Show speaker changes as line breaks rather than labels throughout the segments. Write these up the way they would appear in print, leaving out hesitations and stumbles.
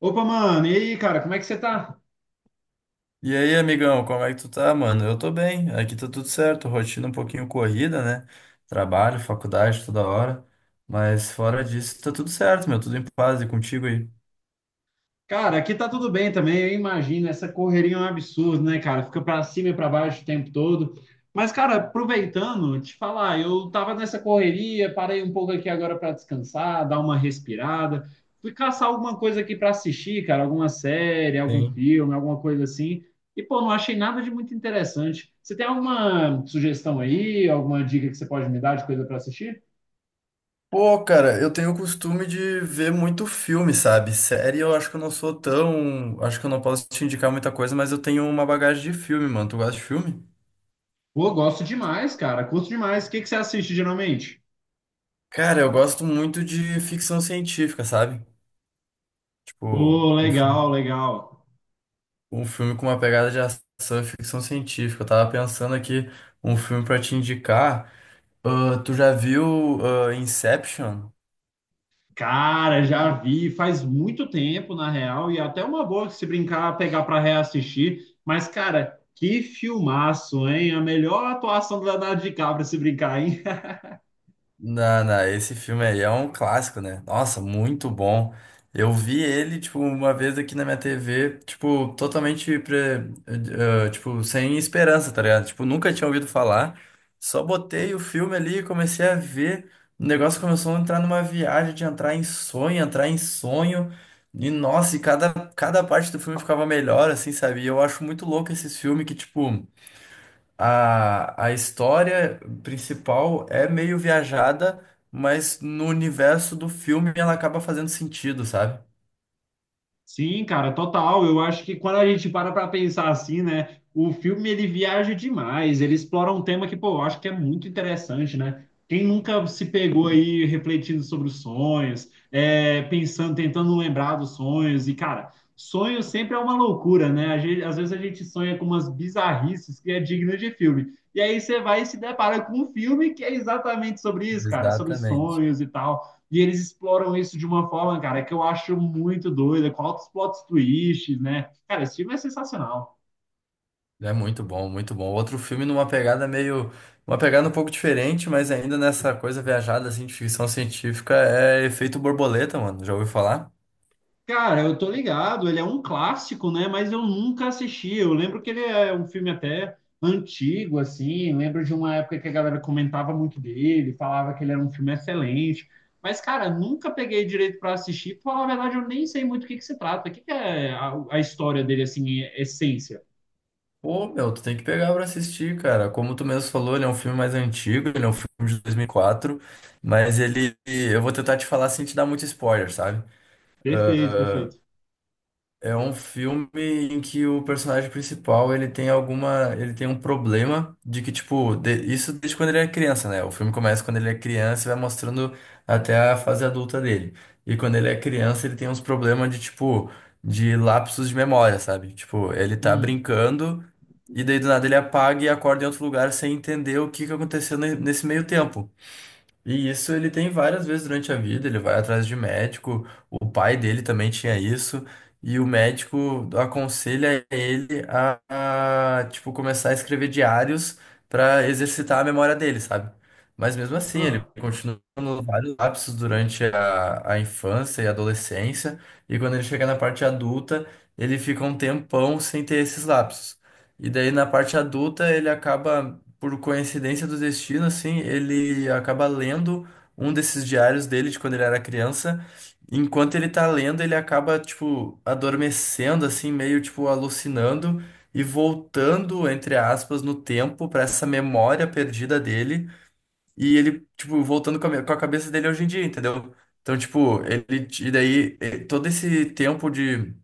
Opa, mano, e aí, cara, como é que você tá?
E aí, amigão, como é que tu tá, mano? Eu tô bem, aqui tá tudo certo, rotina um pouquinho corrida, né? Trabalho, faculdade toda hora, mas fora disso tá tudo certo, meu, tudo em paz e contigo aí.
Cara, aqui tá tudo bem também, eu imagino, essa correria é um absurdo, né, cara? Fica pra cima e pra baixo o tempo todo. Mas, cara, aproveitando, te falar, eu tava nessa correria, parei um pouco aqui agora pra descansar, dar uma respirada. Fui caçar alguma coisa aqui pra assistir, cara, alguma série, algum
Sim.
filme, alguma coisa assim. E, pô, não achei nada de muito interessante. Você tem alguma sugestão aí, alguma dica que você pode me dar de coisa pra assistir?
Pô, cara, eu tenho o costume de ver muito filme, sabe? Série eu acho que eu não sou tão. Acho que eu não posso te indicar muita coisa, mas eu tenho uma bagagem de filme, mano. Tu gosta de filme?
Pô, gosto demais, cara. Curto demais. O que que você assiste geralmente?
Cara, eu gosto muito de ficção científica, sabe? Tipo,
Pô,
um
legal,
filme.
legal.
Um filme com uma pegada de ação e ficção científica. Eu tava pensando aqui um filme pra te indicar. Ah, tu já viu Inception?
Cara, já vi faz muito tempo, na real, e é até uma boa que se brincar, pegar pra reassistir. Mas, cara, que filmaço, hein? A melhor atuação do Leonardo DiCaprio se brincar, hein?
Não, não, esse filme aí é um clássico, né? Nossa, muito bom. Eu vi ele, tipo, uma vez aqui na minha TV, tipo, totalmente, tipo, sem esperança, tá ligado? Tipo, nunca tinha ouvido falar. Só botei o filme ali e comecei a ver. O negócio começou a entrar numa viagem de entrar em sonho, entrar em sonho. E, nossa, e cada parte do filme ficava melhor, assim, sabe? E eu acho muito louco esses filmes que, tipo, a história principal é meio viajada, mas no universo do filme ela acaba fazendo sentido, sabe?
Sim, cara, total. Eu acho que quando a gente para para pensar assim, né, o filme ele viaja demais, ele explora um tema que, pô, eu acho que é muito interessante, né? Quem nunca se pegou aí refletindo sobre os sonhos, é, pensando, tentando lembrar dos sonhos, e, cara, sonho sempre é uma loucura, né? Às vezes a gente sonha com umas bizarrices que é digna de filme. E aí você vai e se depara com um filme que é exatamente sobre isso, cara, sobre
Exatamente.
sonhos e tal. E eles exploram isso de uma forma, cara, que eu acho muito doida, com altos plot twists, né? Cara, esse filme é sensacional.
É muito bom, muito bom. Outro filme numa pegada meio, uma pegada um pouco diferente, mas ainda nessa coisa viajada assim de ficção científica é Efeito Borboleta, mano. Já ouviu falar?
Cara, eu tô ligado, ele é um clássico, né? Mas eu nunca assisti. Eu lembro que ele é um filme até antigo, assim. Lembro de uma época que a galera comentava muito dele, falava que ele era um filme excelente. Mas, cara, nunca peguei direito para assistir. Pra falar a verdade, eu nem sei muito o que que se trata. O que que é a história dele, assim, em essência?
Pô, meu, tu tem que pegar pra assistir, cara. Como tu mesmo falou, ele é um filme mais antigo, ele é um filme de 2004, mas ele, eu vou tentar te falar sem te dar muito spoiler, sabe?
Perfeito, perfeito.
É um filme em que o personagem principal, ele tem alguma, ele tem um problema de que, tipo, de- isso desde quando ele é criança, né? O filme começa quando ele é criança e vai mostrando até a fase adulta dele. E quando ele é criança, ele tem uns problemas de, tipo, de lapsos de memória, sabe? Tipo, ele tá
Hum.
brincando e daí do nada ele apaga e acorda em outro lugar sem entender o que que aconteceu nesse meio tempo. E isso ele tem várias vezes durante a vida, ele vai atrás de médico, o pai dele também tinha isso, e o médico aconselha ele tipo, começar a escrever diários para exercitar a memória dele, sabe? Mas mesmo assim, ele
Ah.
continua tendo vários lapsos durante a infância e adolescência, e quando ele chega na parte adulta, ele fica um tempão sem ter esses lapsos. E daí na parte adulta ele acaba por coincidência do destino, assim, ele acaba lendo um desses diários dele de quando ele era criança. Enquanto ele tá lendo, ele acaba, tipo, adormecendo, assim, meio, tipo, alucinando e voltando, entre aspas, no tempo pra essa memória perdida dele. E ele, tipo, voltando com com a cabeça dele hoje em dia, entendeu? Então, tipo, ele, e daí, todo esse tempo de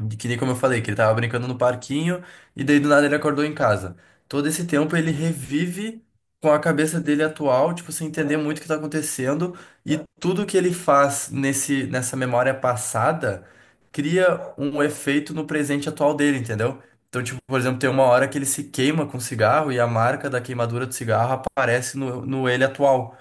de que nem como eu falei, que ele tava brincando no parquinho e daí do nada ele acordou em casa. Todo esse tempo ele revive com a cabeça dele atual, tipo, sem entender muito o que tá acontecendo, e tudo que ele faz nessa memória passada cria um efeito no presente atual dele, entendeu? Então, tipo, por exemplo, tem uma hora que ele se queima com cigarro e a marca da queimadura do cigarro aparece no ele atual.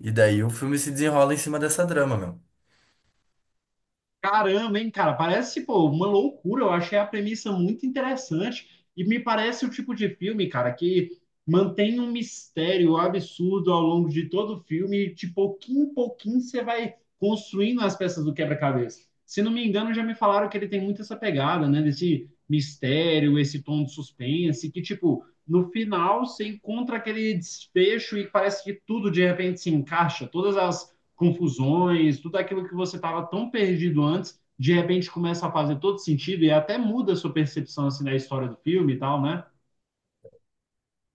E daí o filme se desenrola em cima dessa drama, meu.
Caramba, hein, cara? Parece, pô, uma loucura. Eu achei a premissa muito interessante e me parece o tipo de filme, cara, que mantém um mistério absurdo ao longo de todo o filme e de pouquinho em pouquinho você vai construindo as peças do quebra-cabeça. Se não me engano, já me falaram que ele tem muito essa pegada, né, desse mistério, esse tom de suspense, que, tipo, no final você encontra aquele desfecho e parece que tudo de repente se encaixa, todas as confusões, tudo aquilo que você estava tão perdido antes, de repente começa a fazer todo sentido e até muda a sua percepção assim da história do filme e tal, né?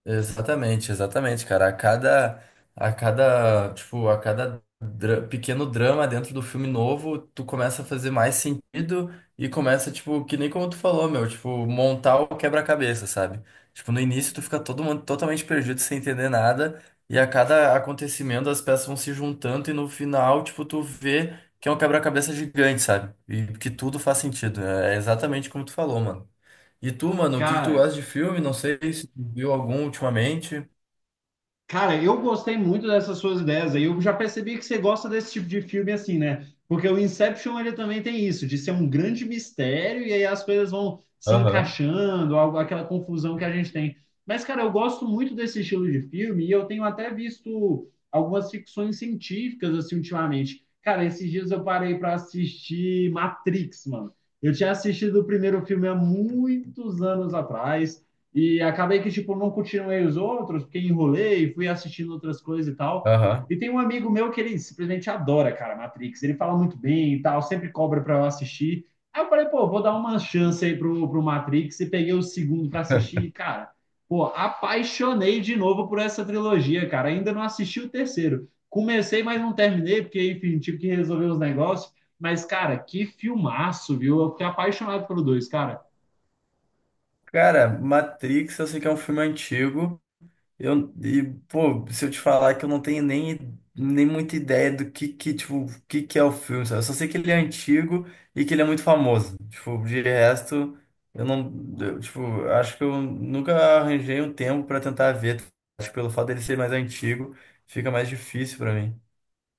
Exatamente, exatamente, cara. A cada pequeno drama dentro do filme novo, tu começa a fazer mais sentido e começa, tipo, que nem como tu falou, meu, tipo, montar o quebra-cabeça, sabe? Tipo, no início tu fica todo mundo totalmente perdido sem entender nada e a cada acontecimento as peças vão se juntando e no final, tipo, tu vê que é um quebra-cabeça gigante, sabe? E que tudo faz sentido. É exatamente como tu falou, mano. E tu, mano, o que que tu
Cara,
gosta de filme? Não sei se tu viu algum ultimamente.
Cara, eu gostei muito dessas suas ideias aí. Eu já percebi que você gosta desse tipo de filme assim, né? Porque o Inception ele também tem isso, de ser um grande mistério e aí as coisas vão se
Aham,
encaixando, aquela confusão que a gente tem. Mas, cara, eu gosto muito desse estilo de filme e eu tenho até visto algumas ficções científicas assim ultimamente. Cara, esses dias eu parei para assistir Matrix, mano. Eu tinha assistido o primeiro filme há muitos anos atrás. E acabei que, tipo, não continuei os outros, porque enrolei, fui assistindo outras coisas e tal.
aham.
E tem um amigo meu que ele simplesmente adora, cara, Matrix. Ele fala muito bem e tal, sempre cobra para eu assistir. Aí eu falei, pô, vou dar uma chance aí pro Matrix e peguei o segundo para assistir. E, cara, pô, apaixonei de novo por essa trilogia, cara. Ainda não assisti o terceiro. Comecei, mas não terminei, porque, enfim, tive que resolver os negócios. Mas, cara, que filmaço, viu? Eu fiquei apaixonado pelo dois, cara.
Cara, Matrix, eu sei que é um filme antigo. Pô, se eu te falar que eu não tenho nem muita ideia do que, tipo, o que que é o filme, sabe? Eu só sei que ele é antigo e que ele é muito famoso. Tipo, de resto, eu não, eu, tipo, acho que eu nunca arranjei um tempo pra tentar ver. Acho que pelo fato dele ser mais antigo, fica mais difícil pra mim.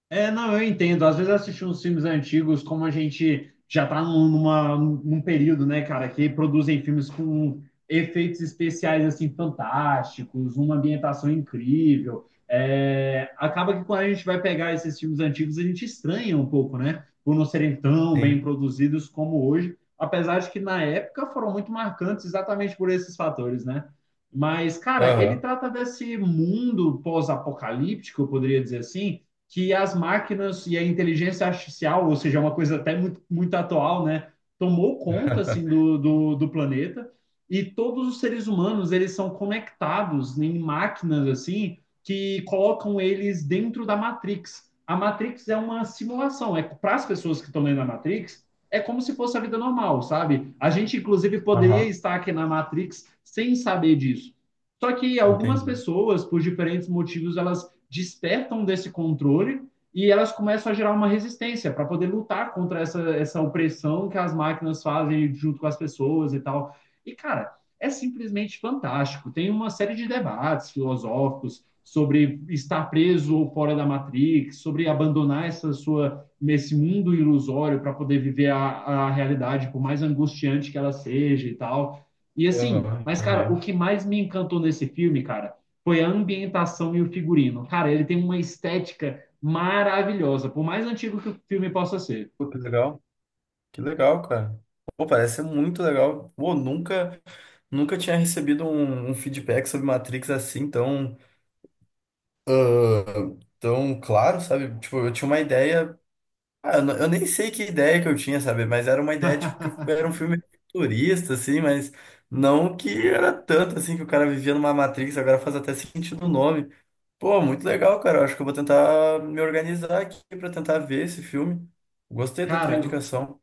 É, não, eu entendo. Às vezes assistir uns filmes antigos, como a gente já está num período, né, cara, que produzem filmes com efeitos especiais, assim, fantásticos, uma ambientação incrível. É, acaba que quando a gente vai pegar esses filmes antigos, a gente estranha um pouco, né, por não serem tão bem
Sim.
produzidos como hoje, apesar de que na época foram muito marcantes exatamente por esses fatores, né? Mas, cara, ele
Aham,
trata desse mundo pós-apocalíptico, eu poderia dizer assim, que as máquinas e a inteligência artificial, ou seja, é uma coisa até muito, muito atual, né, tomou conta assim do planeta e todos os seres humanos eles são conectados em máquinas assim que colocam eles dentro da Matrix. A Matrix é uma simulação, é para as pessoas que estão lendo a Matrix, é como se fosse a vida normal, sabe? A gente inclusive poderia
aham.
estar aqui na Matrix sem saber disso. Só que algumas
Entendi.
pessoas, por diferentes motivos, elas despertam desse controle e elas começam a gerar uma resistência para poder lutar contra essa opressão que as máquinas fazem junto com as pessoas e tal. E, cara, é simplesmente fantástico. Tem uma série de debates filosóficos sobre estar preso ou fora da Matrix, sobre abandonar essa sua esse mundo ilusório para poder viver a realidade, por mais angustiante que ela seja e tal. E assim,
Aham,
mas cara,
entendi.
o que mais me encantou nesse filme, cara, foi a ambientação e o figurino. Cara, ele tem uma estética maravilhosa, por mais antigo que o filme possa ser.
Pô, que legal. Que legal, cara. Pô, parece ser muito legal. Pô, nunca, nunca tinha recebido um feedback sobre Matrix assim tão, ah, tão claro, sabe? Tipo, eu tinha uma ideia. Eu nem sei que ideia que eu tinha, sabe? Mas era uma ideia, tipo, que era um filme futurista, assim, mas não que era tanto assim que o cara vivia numa Matrix, agora faz até sentido o nome. Pô, muito legal, cara. Eu acho que eu vou tentar me organizar aqui pra tentar ver esse filme. Gostei da tua
Cara,
indicação.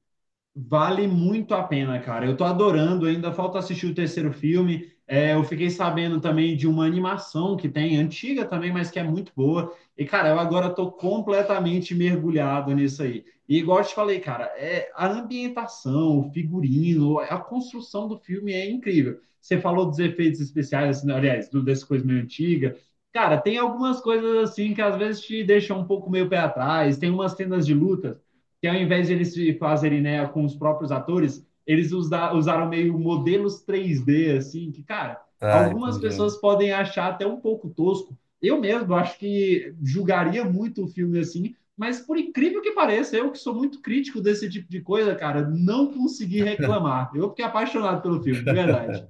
vale muito a pena, cara. Eu tô adorando, ainda falta assistir o terceiro filme. É, eu fiquei sabendo também de uma animação que tem, antiga também, mas que é muito boa. E, cara, eu agora tô completamente mergulhado nisso aí. E igual eu te falei, cara, é a ambientação, o figurino, a construção do filme é incrível. Você falou dos efeitos especiais, assim, aliás, dessa coisa meio antiga. Cara, tem algumas coisas assim que às vezes te deixam um pouco meio pé atrás, tem umas cenas de luta que ao invés de eles fazerem né, com os próprios atores, eles usaram meio modelos 3D, assim, que, cara,
Tá,
algumas
entendi.
pessoas podem achar até um pouco tosco. Eu mesmo acho que julgaria muito o filme assim, mas por incrível que pareça, eu que sou muito crítico desse tipo de coisa, cara, não consegui reclamar. Eu fiquei apaixonado pelo filme, de verdade.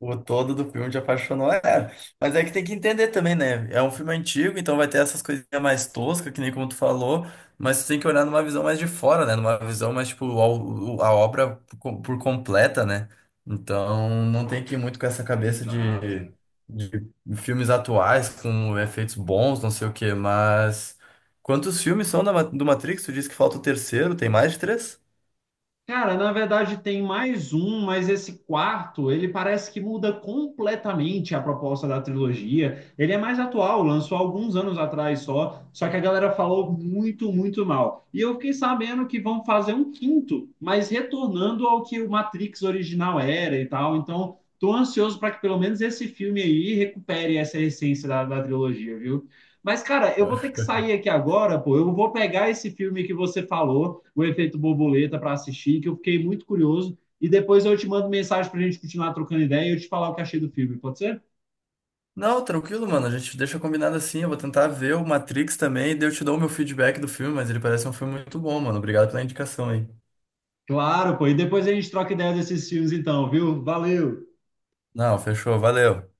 O todo do filme te apaixonou, é. Mas é que tem que entender também, né? É um filme antigo, então vai ter essas coisinhas mais toscas, que nem como tu falou, mas tu tem que olhar numa visão mais de fora, né? Numa visão mais, tipo, obra por completa, né? Então não tem que ir muito com essa cabeça
Exato.
de filmes atuais, com efeitos bons, não sei o quê, mas. Quantos filmes são da do Matrix? Tu disse que falta o terceiro, tem mais de três?
Cara, na verdade tem mais um, mas esse quarto, ele parece que muda completamente a proposta da trilogia. Ele é mais atual, lançou alguns anos atrás só, só que a galera falou muito, muito mal. E eu fiquei sabendo que vão fazer um quinto, mas retornando ao que o Matrix original era e tal. Então, tô ansioso para que pelo menos esse filme aí recupere essa essência da trilogia, viu? Mas, cara, eu vou ter que sair aqui agora, pô. Eu vou pegar esse filme que você falou o efeito borboleta para assistir, que eu fiquei muito curioso. E depois eu te mando mensagem para a gente continuar trocando ideia e eu te falar o que achei do filme, pode ser?
Não, tranquilo, mano. A gente deixa combinado assim. Eu vou tentar ver o Matrix também, daí eu te dou o meu feedback do filme, mas ele parece um filme muito bom, mano. Obrigado pela indicação aí.
Claro, pô. E depois a gente troca ideia desses filmes, então, viu? Valeu!
Não, fechou. Valeu.